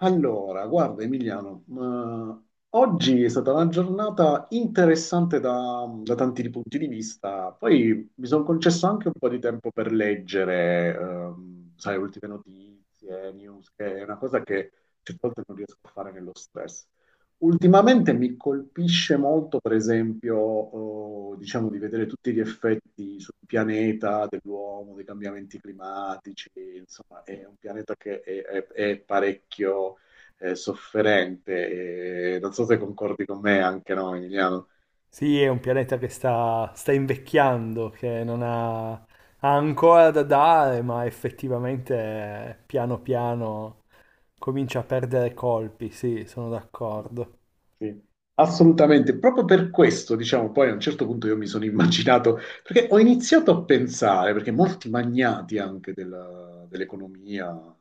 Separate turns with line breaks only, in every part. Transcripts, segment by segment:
Allora, guarda Emiliano, ma oggi è stata una giornata interessante da tanti punti di vista. Poi mi sono concesso anche un po' di tempo per leggere, sai, ultime notizie, news, che è una cosa che certe volte non riesco a fare nello stress. Ultimamente mi colpisce molto, per esempio, diciamo di vedere tutti gli effetti sul pianeta dell'uomo, dei cambiamenti climatici, insomma, è un pianeta che è parecchio sofferente. E non so se concordi con me anche, no, Emiliano?
Sì, è un pianeta che sta invecchiando, che non ha, ha ancora da dare, ma effettivamente piano piano comincia a perdere colpi, sì, sono d'accordo.
Sì, assolutamente. Proprio per questo, diciamo, poi a un certo punto io mi sono immaginato, perché ho iniziato a pensare, perché molti magnati anche dell'economia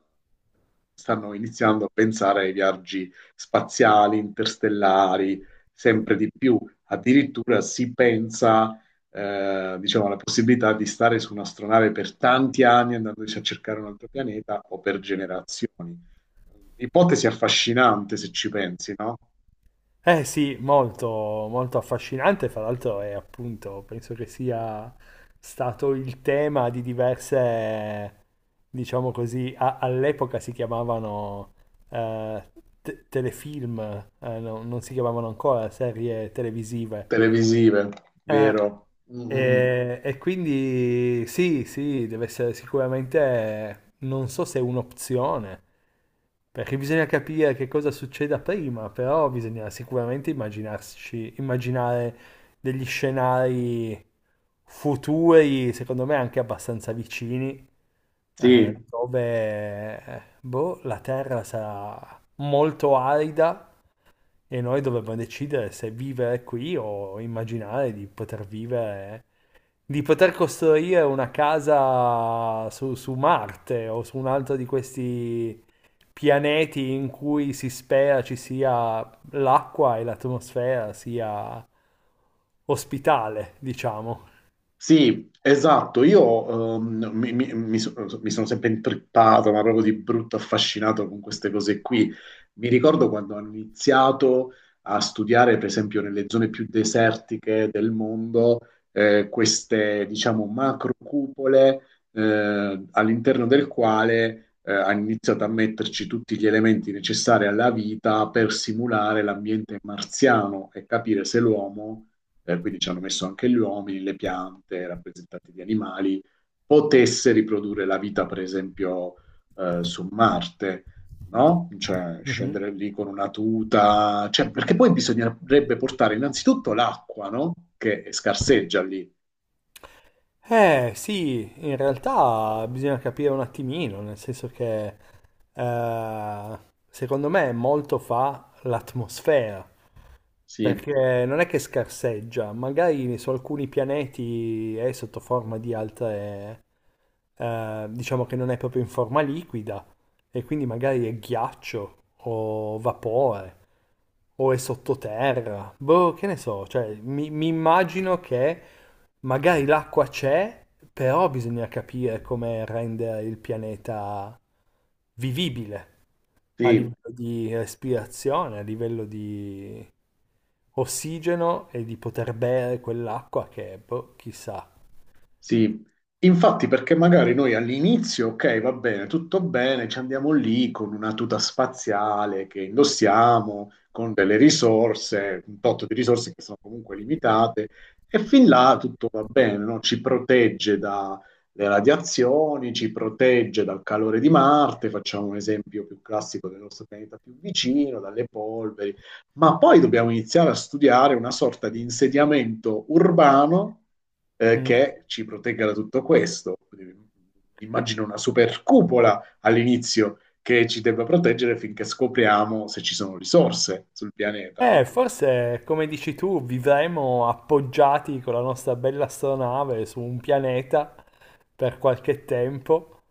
stanno iniziando a pensare ai viaggi spaziali, interstellari, sempre di più. Addirittura si pensa, diciamo, alla possibilità di stare su un'astronave per tanti anni andandoci a cercare un altro pianeta o per generazioni. Ipotesi affascinante se ci pensi, no?
Eh sì, molto affascinante, fra l'altro è appunto, penso che sia stato il tema di diverse, diciamo così, all'epoca si chiamavano eh, telefilm, non si chiamavano ancora serie televisive.
Televisive,
Eh,
vero? Mm.
e quindi sì, sì, deve essere sicuramente, non so se è un'opzione, perché bisogna capire che cosa succeda prima, però bisogna sicuramente immaginarsi, immaginare degli scenari futuri, secondo me anche abbastanza vicini,
Sì.
dove boh, la Terra sarà molto arida e noi dovevamo decidere se vivere qui o immaginare di poter vivere, di poter costruire una casa su Marte o su un altro di questi pianeti in cui si spera ci sia l'acqua e l'atmosfera sia ospitale, diciamo.
Sì, esatto, io mi sono sempre intrippato, ma proprio di brutto affascinato con queste cose qui. Mi ricordo quando hanno iniziato a studiare, per esempio, nelle zone più desertiche del mondo, queste, diciamo, macro cupole all'interno del quale hanno iniziato a metterci tutti gli elementi necessari alla vita per simulare l'ambiente marziano e capire se l'uomo quindi ci hanno messo anche gli uomini, le piante rappresentate di animali, potesse riprodurre la vita, per esempio, su Marte, no? Cioè
Mhm.
scendere lì con una tuta, cioè, perché poi bisognerebbe portare innanzitutto l'acqua, no? Che scarseggia lì.
Eh sì, in realtà bisogna capire un attimino, nel senso che eh, secondo me molto fa l'atmosfera.
Sì,
Perché non è che scarseggia, magari su alcuni pianeti è sotto forma di altre, diciamo che non è proprio in forma liquida, e quindi magari è ghiaccio o vapore o è sottoterra. Boh, che ne so, cioè mi immagino che magari l'acqua c'è, però bisogna capire come rendere il pianeta vivibile a
sì.
livello di respirazione, a livello di ossigeno e di poter bere quell'acqua che, boh, chissà.
Sì, infatti perché magari noi all'inizio, ok, va bene, tutto bene, ci andiamo lì con una tuta spaziale che indossiamo, con delle risorse, un tot di risorse che sono comunque limitate, e fin là tutto va bene, no? Ci protegge dalle radiazioni, ci protegge dal calore di Marte, facciamo un esempio più classico del nostro pianeta più vicino, dalle polveri, ma poi dobbiamo iniziare a studiare una sorta di insediamento urbano
Mm.
che ci protegga da tutto questo. Quindi, immagino una super cupola all'inizio che ci debba proteggere finché scopriamo se ci sono risorse sul pianeta, no?
Forse, come dici tu, vivremo appoggiati con la nostra bella astronave su un pianeta per qualche tempo,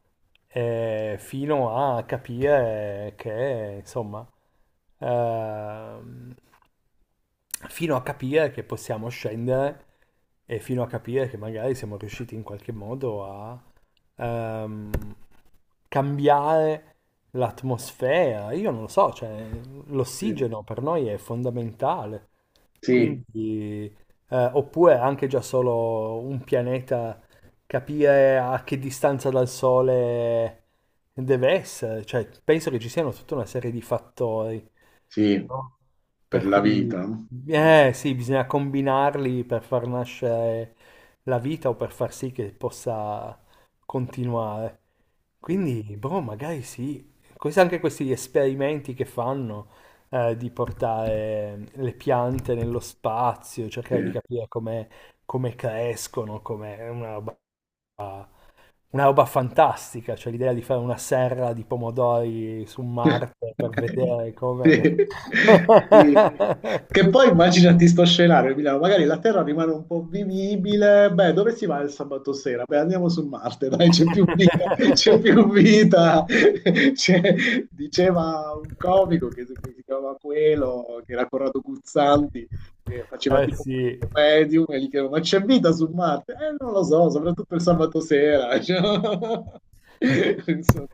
fino a capire che, insomma, ehm, fino a capire che possiamo scendere e fino a capire che magari siamo riusciti in qualche modo a ehm, cambiare l'atmosfera, io non lo so, cioè,
Sì.
l'ossigeno per noi è fondamentale,
Sì,
quindi, oppure anche già solo un pianeta, capire a che distanza dal Sole deve essere, cioè, penso che ci siano tutta una serie di fattori,
sì,
no?
per
Per
la
cui,
vita, no? Mhm.
eh sì, bisogna combinarli per far nascere la vita o per far sì che possa continuare.
Sì.
Quindi, boh, magari sì.
Sì.
Anche questi esperimenti che fanno di portare le piante nello spazio, cercare di
Sì.
capire come, come crescono, come è una roba fantastica, cioè l'idea di fare una serra di pomodori su Marte per vedere com'è.
Sì, sì. Che poi immaginati sto scenario, Milano, magari la Terra rimane un po' vivibile, beh, dove si va il sabato sera? Beh, andiamo su Marte, dai, c'è più vita, c'è più vita. Diceva un comico che, si chiamava Quello, che era Corrado Guzzanti, che faceva
Eh
tipo
sì,
questo medium e gli chiedeva, ma c'è vita su Marte? Non lo so, soprattutto il sabato sera. Cioè, insomma,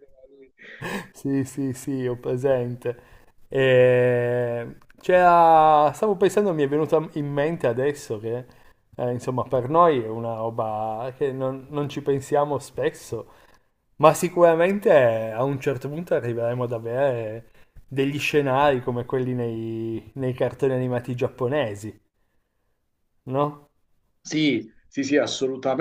sì, sì, sì, ho presente. Stavo pensando, mi è venuta in mente adesso che, insomma, per noi è una roba che non ci pensiamo spesso, ma sicuramente a un certo punto arriveremo ad avere degli scenari come quelli nei cartoni animati giapponesi, no?
sì, sì, sì,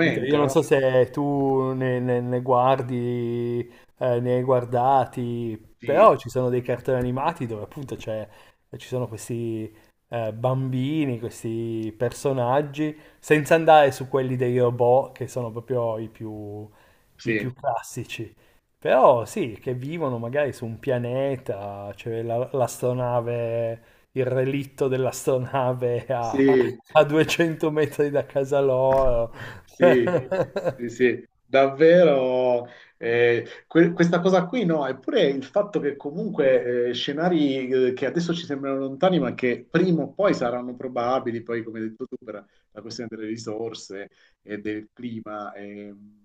Vito, io non so
no?
se tu ne guardi, ne hai guardati,
Sì,
però ci sono dei cartoni animati dove appunto ci sono questi bambini, questi personaggi, senza andare su quelli dei robot che sono proprio i
sì,
più classici. Però sì, che vivono magari su un pianeta, c'è l'astronave, il relitto dell'astronave a,
sì.
a 200 metri da casa loro.
Sì, sì, sì, davvero. Questa cosa qui, no? Eppure il fatto che comunque scenari che adesso ci sembrano lontani, ma che prima o poi saranno probabili, poi come hai detto tu, per la questione delle risorse e del clima, ehm,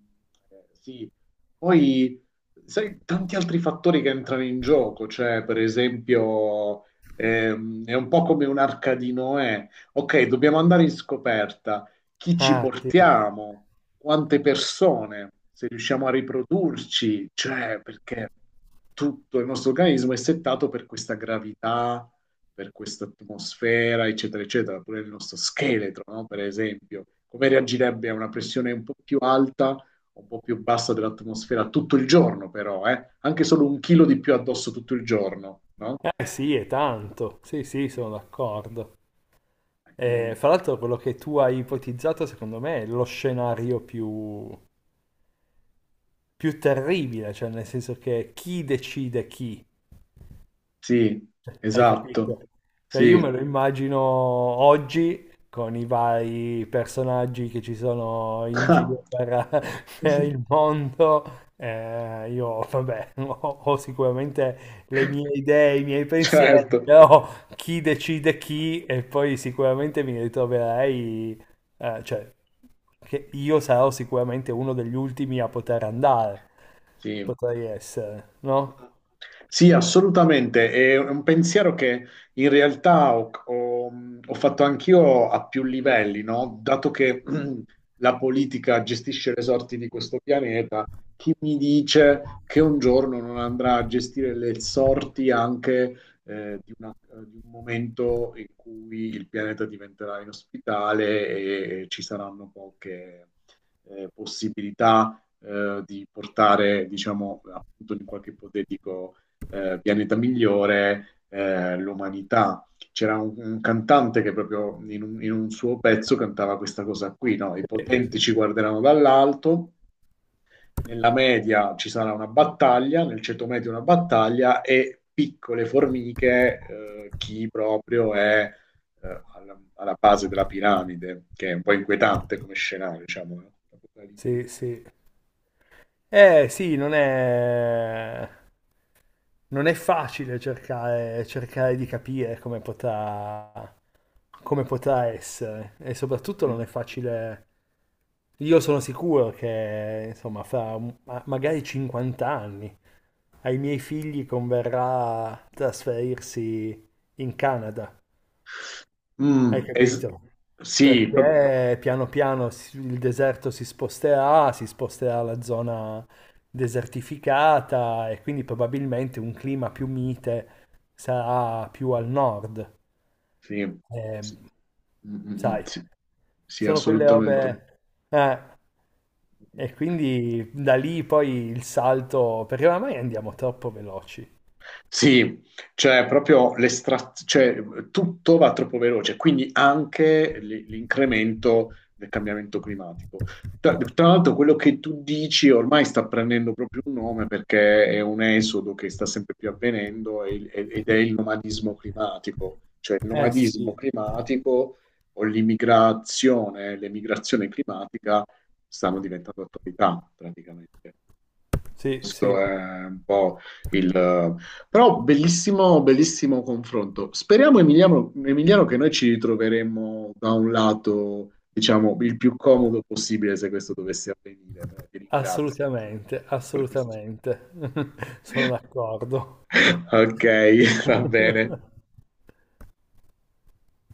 eh, sì. Poi, sai, tanti altri fattori che entrano in gioco, cioè per esempio è un po' come un'arca di Noè. Ok, dobbiamo andare in scoperta, chi ci
Ah, sì.
portiamo, quante persone, se riusciamo a riprodurci, cioè perché tutto il nostro organismo è settato per questa gravità, per questa atmosfera, eccetera, eccetera, pure il nostro scheletro, no? Per esempio, come reagirebbe a una pressione un po' più alta, un po' più bassa dell'atmosfera tutto il giorno, però, eh? Anche solo un chilo di più addosso tutto il giorno, no?
Sì, è tanto. Sì, sì,
Sì.
sono d'accordo.
Eh,
Fra l'altro, quello che tu hai ipotizzato, secondo me, è lo scenario più, più terribile, cioè nel senso che chi decide chi?
sì,
Hai capito?
esatto,
Cioè io me
sì.
lo immagino oggi con i vari personaggi che ci sono in giro per, per il mondo. Io, vabbè, ho sicuramente le mie idee, i miei pensieri,
Certo,
però chi decide chi e poi sicuramente mi ritroverei, cioè, che io sarò sicuramente uno degli ultimi a poter andare,
sì.
potrei essere, no?
Sì, assolutamente. È un pensiero che in realtà ho fatto anch'io a più livelli, no? Dato che la politica gestisce le sorti di questo pianeta, chi mi dice che un giorno non andrà a gestire le sorti anche eh, di una- di un momento in cui il pianeta diventerà inospitale e ci saranno poche possibilità di portare, diciamo, appunto in qualche ipotetico pianeta migliore l'umanità. C'era un cantante che proprio in un suo pezzo cantava questa cosa qui, no? I potenti ci guarderanno dall'alto, nella media ci sarà una battaglia, nel ceto medio una battaglia e piccole formiche, chi proprio è alla base della piramide, che è un po' inquietante come scenario, diciamo, no?
Sì,
Apocalittico.
sì. Eh sì, non è facile cercare, cercare di capire come potrà essere e soprattutto non è facile, io sono sicuro che insomma fra magari 50 anni ai miei figli converrà trasferirsi in Canada, hai
Mm,
capito?
sì,
Perché piano piano il deserto si sposterà la zona desertificata e quindi probabilmente un clima più mite sarà più al nord.
sì,
Eh,
sì, mm, mm, mm,
sai,
sì, sì,
sono quelle
assolutamente.
robe... eh, e quindi da lì poi il salto, perché oramai andiamo troppo veloci.
Sì, cioè proprio tutto va troppo veloce, quindi anche l'incremento del cambiamento climatico. Tra l'altro, quello che tu dici ormai sta prendendo proprio un nome perché è un esodo che sta sempre più avvenendo e ed è il nomadismo climatico, cioè il
Eh
nomadismo
sì,
climatico o l'immigrazione, l'emigrazione climatica stanno diventando attualità praticamente.
sì,
Questo
sì,
è un po' il... Però bellissimo, bellissimo confronto. Speriamo, Emiliano, Emiliano, che noi ci ritroveremo da un lato, diciamo, il più comodo possibile se questo dovesse avvenire. Però ti ringrazio
assolutamente,
per questo.
assolutamente. Sono d'accordo.
Ok, va bene.